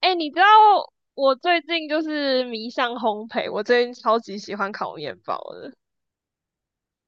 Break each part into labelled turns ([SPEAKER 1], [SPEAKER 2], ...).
[SPEAKER 1] 哎，你知道我最近就是迷上烘焙，我最近超级喜欢烤面包的。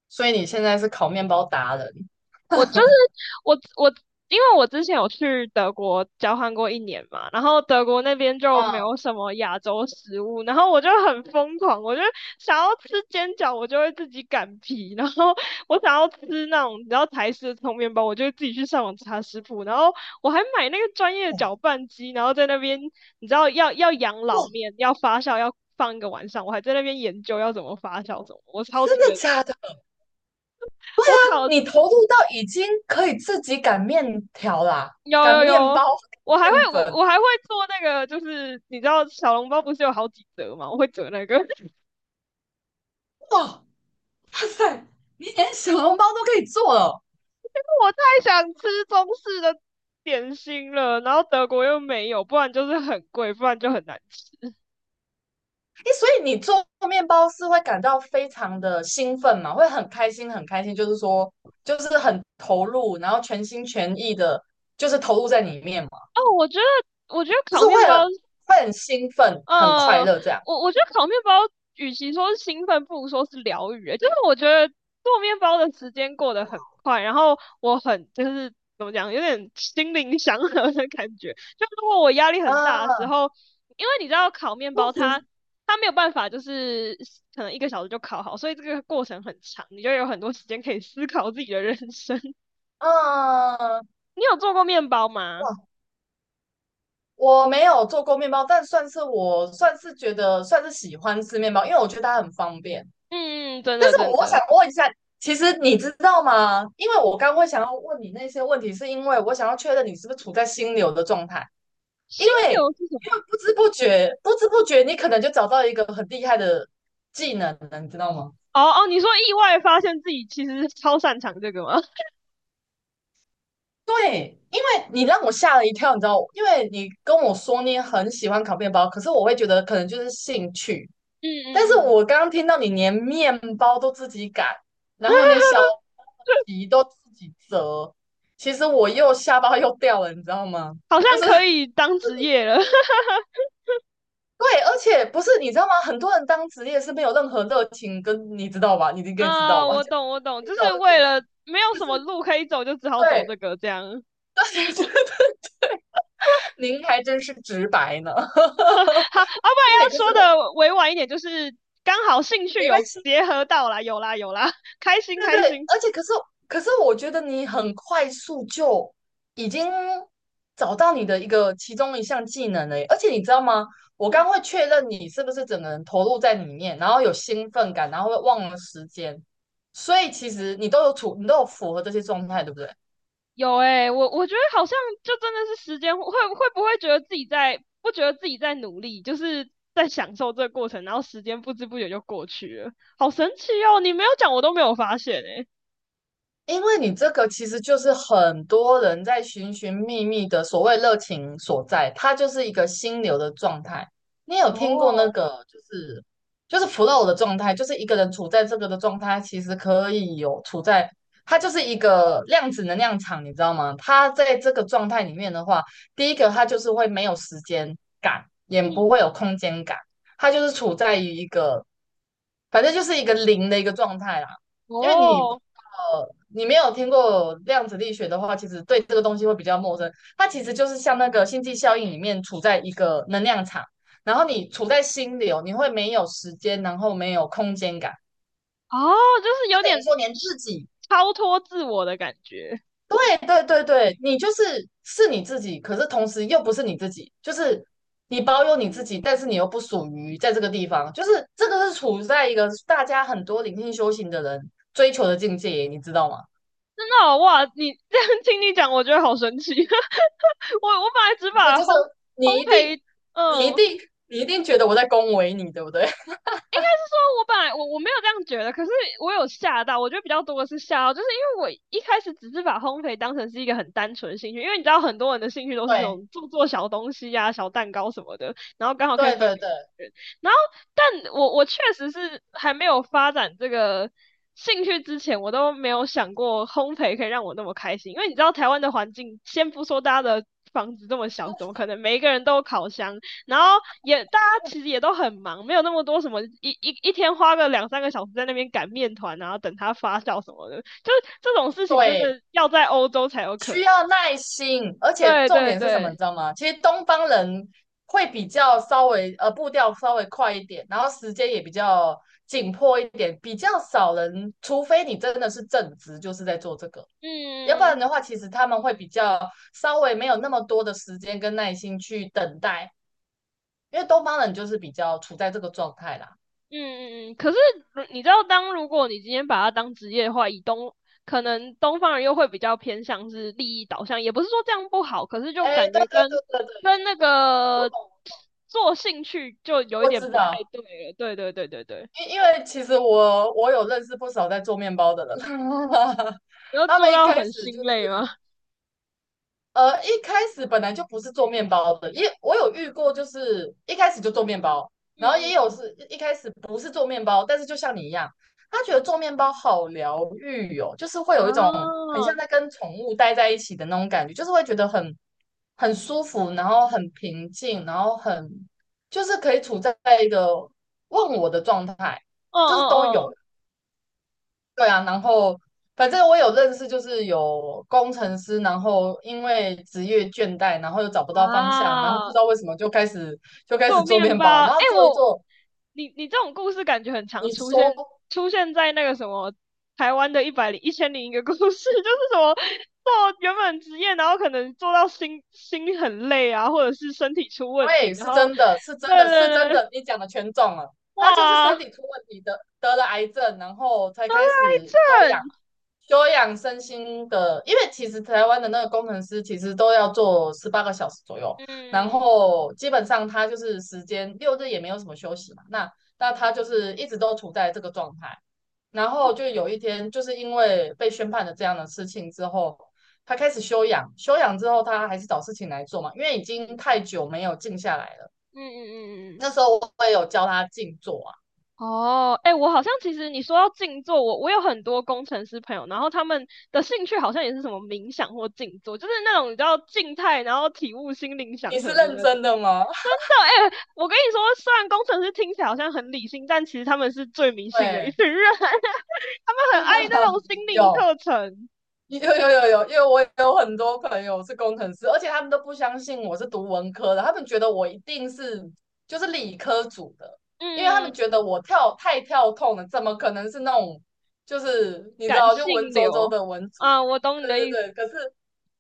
[SPEAKER 2] 所以你现在是烤面包达人。
[SPEAKER 1] 我就是 我我，因为我之前有去德国交换过一年嘛，然后德国那边就没有
[SPEAKER 2] 嗯，
[SPEAKER 1] 什么亚洲食物，然后我就很疯狂，我就想要吃煎饺，我就会自己擀皮，然后我想要吃那种你知道台式的葱面包，我就会自己去上网查食谱，然后我还买那个专业的搅拌机，然后在那边你知道要养
[SPEAKER 2] 哇，
[SPEAKER 1] 老面，要发酵，要放一个晚上，我还在那边研究要怎么发酵，我超级
[SPEAKER 2] 真的
[SPEAKER 1] 认真。
[SPEAKER 2] 假的？
[SPEAKER 1] 我考
[SPEAKER 2] 你投入到已经可以自己擀面条啦，
[SPEAKER 1] 有
[SPEAKER 2] 擀
[SPEAKER 1] 有
[SPEAKER 2] 面包、
[SPEAKER 1] 有，我还
[SPEAKER 2] 擀
[SPEAKER 1] 会
[SPEAKER 2] 面
[SPEAKER 1] 我
[SPEAKER 2] 粉，
[SPEAKER 1] 我还会做那个，就是你知道小笼包不是有好几折吗？我会折那个，
[SPEAKER 2] 哇，哇塞，你连小笼包都可以做了。
[SPEAKER 1] 我太想吃中式的点心了，然后德国又没有，不然就是很贵，不然就很难吃。
[SPEAKER 2] 诶，所以你做面包是会感到非常的兴奋嘛？会很开心，很开心，就是说，就是很投入，然后全心全意的，就是投入在里面嘛，
[SPEAKER 1] 哦，
[SPEAKER 2] 就是会很会很兴奋，很快
[SPEAKER 1] 呃，
[SPEAKER 2] 乐这样。
[SPEAKER 1] 我觉得烤面包，与其说是兴奋，不如说是疗愈欸。就是我觉得做面包的时间过得很快，然后我很就是怎么讲，有点心灵祥和的感觉。就如果我压力很大的
[SPEAKER 2] 啊，
[SPEAKER 1] 时候，因为你知道烤面包它 没有办法，就是可能一个小时就烤好，所以这个过程很长，你就有很多时间可以思考自己的人生。
[SPEAKER 2] 嗯，
[SPEAKER 1] 你有做过面包
[SPEAKER 2] 哇，
[SPEAKER 1] 吗？
[SPEAKER 2] 我没有做过面包，但算是我算是觉得算是喜欢吃面包，因为我觉得它很方便。
[SPEAKER 1] 嗯，真
[SPEAKER 2] 但
[SPEAKER 1] 的
[SPEAKER 2] 是
[SPEAKER 1] 真
[SPEAKER 2] 我想
[SPEAKER 1] 的。
[SPEAKER 2] 问一下，其实你知道吗？因为我刚会想要问你那些问题，是因为我想要确认你是不是处在心流的状态，因
[SPEAKER 1] 心
[SPEAKER 2] 为
[SPEAKER 1] 流是什么？
[SPEAKER 2] 因为不知不觉，你可能就找到一个很厉害的技能了，你知道吗？
[SPEAKER 1] 哦哦，你说意外发现自己其实超擅长这个吗？
[SPEAKER 2] 对，因为你让我吓了一跳，你知道，因为你跟我说你很喜欢烤面包，可是我会觉得可能就是兴趣。
[SPEAKER 1] 嗯
[SPEAKER 2] 但
[SPEAKER 1] 嗯
[SPEAKER 2] 是
[SPEAKER 1] 嗯。
[SPEAKER 2] 我刚刚听到你连面包都自己擀，然后连小 皮都自己折，其实我又下巴又掉了，你知道吗？
[SPEAKER 1] 好像
[SPEAKER 2] 就是这
[SPEAKER 1] 可以当
[SPEAKER 2] 个
[SPEAKER 1] 职业
[SPEAKER 2] 其
[SPEAKER 1] 了。
[SPEAKER 2] 实对，而且不是你知道吗？很多人当职业是没有任何热情跟，你知道吧？你应该知道
[SPEAKER 1] 啊，
[SPEAKER 2] 吧？
[SPEAKER 1] 我
[SPEAKER 2] 就
[SPEAKER 1] 懂我懂，
[SPEAKER 2] 知
[SPEAKER 1] 就
[SPEAKER 2] 道
[SPEAKER 1] 是
[SPEAKER 2] 了就
[SPEAKER 1] 为了
[SPEAKER 2] 去。
[SPEAKER 1] 没有什么路可以走，就只好走这
[SPEAKER 2] 对，
[SPEAKER 1] 个这样。
[SPEAKER 2] 您还真是直白呢。
[SPEAKER 1] 好，
[SPEAKER 2] 对，可是
[SPEAKER 1] 不然要说的委婉一点，就是刚好兴趣
[SPEAKER 2] 没关
[SPEAKER 1] 有
[SPEAKER 2] 系，
[SPEAKER 1] 结合到啦，有啦有啦，开心
[SPEAKER 2] 对对，
[SPEAKER 1] 开心。
[SPEAKER 2] 而且可是，我觉得你很快速就已经找到你的一个其中一项技能了耶而且你知道吗？我刚会确认你是不是整个人投入在里面，然后有兴奋感，然后会忘了时间，所以其实你都有处，你都有符合这些状态，对不对？
[SPEAKER 1] 有哎，我觉得好像就真的是时间会不会觉得自己在不觉得自己在努力，就是在享受这个过程，然后时间不知不觉就过去了，好神奇哦！你没有讲我都没有发现诶。
[SPEAKER 2] 因为你这个其实就是很多人在寻寻觅觅的所谓热情所在，它就是一个心流的状态。你有听过那
[SPEAKER 1] 哦，
[SPEAKER 2] 个就是就是 flow 的状态，就是一个人处在这个的状态，其实可以有处在它就是一个量子能量场，你知道吗？它在这个状态里面的话，第一个它就是会没有时间感，也
[SPEAKER 1] 嗯，
[SPEAKER 2] 不会有空间感，它就是处在于一个反正就是一个零的一个状态啦。因为你
[SPEAKER 1] 哦，
[SPEAKER 2] 呃，你没有听过量子力学的话，其实对这个东西会比较陌生。它其实就是像那个星际效应里面处在一个能量场，然后你处在心流，你会没有时间，然后没有空间感，
[SPEAKER 1] 哦，就是
[SPEAKER 2] 就
[SPEAKER 1] 有
[SPEAKER 2] 等于
[SPEAKER 1] 点
[SPEAKER 2] 说连自己，
[SPEAKER 1] 超脱自我的感觉。
[SPEAKER 2] 哎，对对对，你就是是你自己，可是同时又不是你自己，就是你保有你自己，但是你又不属于在这个地方，就是这个是处在一个大家很多灵性修行的人追求的境界，你知道吗？
[SPEAKER 1] 真的哦哇！你这样听你讲，我觉得好神奇。我本来只
[SPEAKER 2] 这
[SPEAKER 1] 把
[SPEAKER 2] 就是
[SPEAKER 1] 烘
[SPEAKER 2] 你
[SPEAKER 1] 烘
[SPEAKER 2] 一定，
[SPEAKER 1] 焙，
[SPEAKER 2] 你一
[SPEAKER 1] 嗯、
[SPEAKER 2] 定，你一定觉得我在恭维你，对不对？
[SPEAKER 1] 说我本来我没有这样觉得。可是我有吓到。我觉得比较多的是吓到，就是因为我一开始只是把烘焙当成是一个很单纯的兴趣，因为你知道很多人的兴趣都是这
[SPEAKER 2] 对，
[SPEAKER 1] 种做做小东西呀、啊小蛋糕什么的，然后刚好可以
[SPEAKER 2] 对，
[SPEAKER 1] 分
[SPEAKER 2] 对，
[SPEAKER 1] 给
[SPEAKER 2] 对，
[SPEAKER 1] 别人。然后，但我确实是还没有发展这个兴趣之前，我都没有想过烘焙可以让我那么开心。因为你知道台湾的环境，先不说大家的房子这么小，怎么可能每一个人都有烤箱？然后也大家其实也都很忙，没有那么多什么一天花个两三个小时在那边擀面团，然后等它发酵什么的，就这种事情真
[SPEAKER 2] 对，
[SPEAKER 1] 的要在欧洲才有可
[SPEAKER 2] 需
[SPEAKER 1] 能。
[SPEAKER 2] 要耐心，而且
[SPEAKER 1] 对
[SPEAKER 2] 重
[SPEAKER 1] 对
[SPEAKER 2] 点是什么，你
[SPEAKER 1] 对。
[SPEAKER 2] 知道吗？其实东方人会比较稍微步调稍微快一点，然后时间也比较紧迫一点，比较少人，除非你真的是正职，就是在做这个。要不
[SPEAKER 1] 嗯
[SPEAKER 2] 然的话，其实他们会比较稍微没有那么多的时间跟耐心去等待，因为东方人就是比较处在这个状态啦。
[SPEAKER 1] 嗯嗯嗯。可是你知道，当如果你今天把它当职业的话，可能东方人又会比较偏向是利益导向，也不是说这样不好，可是就
[SPEAKER 2] 哎，
[SPEAKER 1] 感
[SPEAKER 2] 对
[SPEAKER 1] 觉
[SPEAKER 2] 对
[SPEAKER 1] 跟
[SPEAKER 2] 对对对，
[SPEAKER 1] 那
[SPEAKER 2] 我
[SPEAKER 1] 个
[SPEAKER 2] 懂，
[SPEAKER 1] 做兴趣就有一
[SPEAKER 2] 我
[SPEAKER 1] 点
[SPEAKER 2] 知
[SPEAKER 1] 不太
[SPEAKER 2] 道，
[SPEAKER 1] 对了。对对对对对。
[SPEAKER 2] 因为其实我有认识不少在做面包的人，
[SPEAKER 1] 你要
[SPEAKER 2] 他
[SPEAKER 1] 做
[SPEAKER 2] 们一
[SPEAKER 1] 到
[SPEAKER 2] 开
[SPEAKER 1] 很
[SPEAKER 2] 始就
[SPEAKER 1] 心
[SPEAKER 2] 是
[SPEAKER 1] 累吗？
[SPEAKER 2] 呃，一开始本来就不是做面包的，也我有遇过，就是一开始就做面包，然后
[SPEAKER 1] 嗯嗯。
[SPEAKER 2] 也有是一开始不是做面包，但是就像你一样，他觉得做面包好疗愈哦，就是会
[SPEAKER 1] 啊，
[SPEAKER 2] 有一种很像在跟宠物待在一起的那种感觉，就是会觉得很舒服，然后很平静，然后很就是可以处在一个问我的状态，
[SPEAKER 1] 哦
[SPEAKER 2] 就是都
[SPEAKER 1] 哦
[SPEAKER 2] 有
[SPEAKER 1] 哦。
[SPEAKER 2] 对啊，然后反正我有认识，就是有工程师，然后因为职业倦怠，然后又找不到方向，然后不
[SPEAKER 1] 啊，
[SPEAKER 2] 知道为什么就开始
[SPEAKER 1] 做
[SPEAKER 2] 做
[SPEAKER 1] 面
[SPEAKER 2] 面包，
[SPEAKER 1] 包，哎、
[SPEAKER 2] 然后做一做，
[SPEAKER 1] 你这种故事感觉很常
[SPEAKER 2] 你
[SPEAKER 1] 出
[SPEAKER 2] 手
[SPEAKER 1] 现，出现在那个什么台湾的1,001个故事，就是什么做原本职业，然后可能做到心很累啊，或者是身体出问
[SPEAKER 2] 对，
[SPEAKER 1] 题，然
[SPEAKER 2] 是
[SPEAKER 1] 后
[SPEAKER 2] 真的，是真
[SPEAKER 1] 对
[SPEAKER 2] 的，
[SPEAKER 1] 对
[SPEAKER 2] 是真
[SPEAKER 1] 对，
[SPEAKER 2] 的，你讲的全中了。他就是身
[SPEAKER 1] 哇，
[SPEAKER 2] 体出问题的，得了癌症，然后才
[SPEAKER 1] 得了
[SPEAKER 2] 开
[SPEAKER 1] 癌
[SPEAKER 2] 始休养，
[SPEAKER 1] 症。
[SPEAKER 2] 休养身心的。因为其实台湾的那个工程师其实都要做18个小时左右，然
[SPEAKER 1] 嗯
[SPEAKER 2] 后基本上他就是时间六日也没有什么休息嘛。那他就是一直都处在这个状态，然后就有一天就是因为被宣判了这样的事情之后，他开始休养，休养之后他还是找事情来做嘛，因为已经太久没有静下来了。
[SPEAKER 1] 嗯嗯嗯嗯。嗯。
[SPEAKER 2] 那时候我也有教他静坐啊。
[SPEAKER 1] 哦，哎，我好像其实你说到静坐，我有很多工程师朋友，然后他们的兴趣好像也是什么冥想或静坐，就是那种你知道静态，然后体悟心灵
[SPEAKER 2] 你
[SPEAKER 1] 祥
[SPEAKER 2] 是
[SPEAKER 1] 和的
[SPEAKER 2] 认
[SPEAKER 1] 那种。
[SPEAKER 2] 真的吗？
[SPEAKER 1] 真的，哎，我跟你说，虽然工程师听起来好像很理性，但其实他们是最迷信的一
[SPEAKER 2] 对，
[SPEAKER 1] 群人，他们很爱那种心 灵
[SPEAKER 2] 有
[SPEAKER 1] 课程。
[SPEAKER 2] 有有有有，因为我有很多朋友是工程师，而且他们都不相信我是读文科的，他们觉得我一定是就是理科组的，因为他
[SPEAKER 1] 嗯，
[SPEAKER 2] 们觉得我跳太跳痛了，怎么可能是那种就是你知
[SPEAKER 1] 感
[SPEAKER 2] 道就文
[SPEAKER 1] 性
[SPEAKER 2] 绉绉
[SPEAKER 1] 流，
[SPEAKER 2] 的文组？
[SPEAKER 1] 啊，我懂你
[SPEAKER 2] 对
[SPEAKER 1] 的
[SPEAKER 2] 对
[SPEAKER 1] 意思。
[SPEAKER 2] 对，可是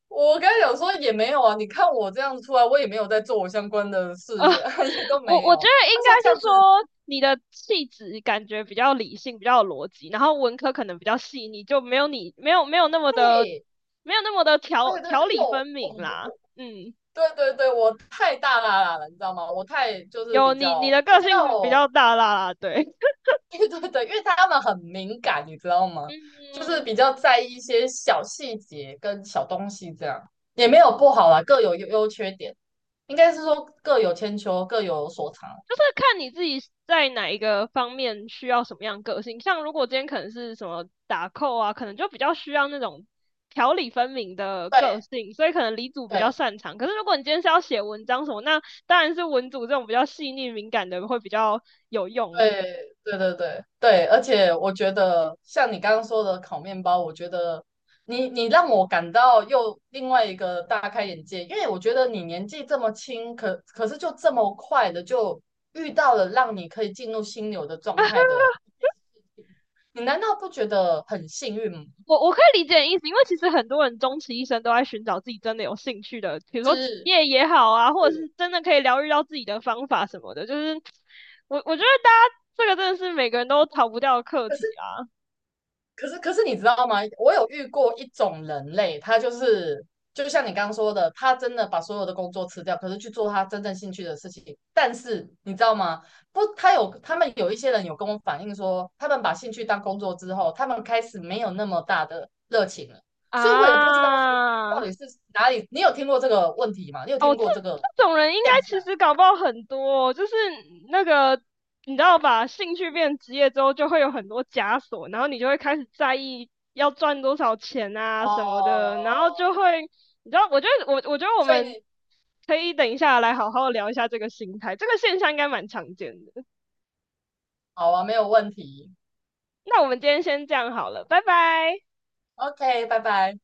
[SPEAKER 2] 我刚才讲说也没有啊，你看我这样子出来，我也没有在做我相关的事业，也都
[SPEAKER 1] 我
[SPEAKER 2] 没
[SPEAKER 1] 我觉
[SPEAKER 2] 有。
[SPEAKER 1] 得应
[SPEAKER 2] 他说
[SPEAKER 1] 该
[SPEAKER 2] 这样
[SPEAKER 1] 是
[SPEAKER 2] 子，
[SPEAKER 1] 说你的气质感觉比较理性，比较有逻辑，然后文科可能比较细腻，就没有没有没有那么的
[SPEAKER 2] 对，
[SPEAKER 1] 没有那么的条
[SPEAKER 2] 对对
[SPEAKER 1] 条
[SPEAKER 2] 对，因为
[SPEAKER 1] 理分
[SPEAKER 2] 我我
[SPEAKER 1] 明啦。
[SPEAKER 2] 我
[SPEAKER 1] 嗯。
[SPEAKER 2] 对对对，我太大啦啦了，你知道吗？我太就是比
[SPEAKER 1] 有你
[SPEAKER 2] 较
[SPEAKER 1] 的
[SPEAKER 2] 比
[SPEAKER 1] 个
[SPEAKER 2] 较，
[SPEAKER 1] 性比较大啦啦，对，
[SPEAKER 2] 对对对，因为他们很敏感，你知道吗？就是
[SPEAKER 1] 嗯。
[SPEAKER 2] 比较在意一些小细节跟小东西，这样也没有不好啦，各有优优缺点，应该是说各有千秋，各有所长。
[SPEAKER 1] 就是看你自己在哪一个方面需要什么样个性。像如果今天可能是什么打扣啊，可能就比较需要那种条理分明的个
[SPEAKER 2] 对
[SPEAKER 1] 性，所以可能理组比较
[SPEAKER 2] 对
[SPEAKER 1] 擅长。可是如果你今天是要写文章什么，那当然是文组这种比较细腻敏感的会比较有用。
[SPEAKER 2] 对对对对对，而且我觉得像你刚刚说的烤面包，我觉得你你让我感到又另外一个大开眼界，因为我觉得你年纪这么轻，可可是就这么快的就遇到了让你可以进入心流的状态的，你难道不觉得很幸运吗？
[SPEAKER 1] 我可以理解你意思，因为其实很多人终其一生都在寻找自己真的有兴趣的，比如说职
[SPEAKER 2] 是
[SPEAKER 1] 业也好啊，或者是
[SPEAKER 2] 是，
[SPEAKER 1] 真的可以疗愈到自己的方法什么的。就是我觉得大家这个真的是每个人都逃不掉的课
[SPEAKER 2] 可
[SPEAKER 1] 题
[SPEAKER 2] 是可是你知道吗？我有遇过一种人类，他就是就像你刚刚说的，他真的把所有的工作辞掉，可是去做他真正兴趣的事情。但是你知道吗？不，他有他们有一些人有跟我反映说，他们把兴趣当工作之后，他们开始没有那么大的热情了。所以我也不知道说
[SPEAKER 1] 啊。
[SPEAKER 2] 到底是哪里。你有听过这个问题吗？你有
[SPEAKER 1] 哦，
[SPEAKER 2] 听
[SPEAKER 1] 这
[SPEAKER 2] 过这个
[SPEAKER 1] 种人应该
[SPEAKER 2] 现象
[SPEAKER 1] 其实
[SPEAKER 2] 吗？
[SPEAKER 1] 搞不好很多哦就是那个你知道吧，兴趣变职业之后，就会有很多枷锁，然后你就会开始在意要赚多少钱啊什么
[SPEAKER 2] 哦，
[SPEAKER 1] 的，然后就会，你知道，我觉得我
[SPEAKER 2] 所以
[SPEAKER 1] 们
[SPEAKER 2] 你
[SPEAKER 1] 可以等一下来好好聊一下这个心态，这个现象应该蛮常见的。
[SPEAKER 2] 好啊，没有问题。
[SPEAKER 1] 那我们今天先这样好了，拜拜。
[SPEAKER 2] OK,拜拜。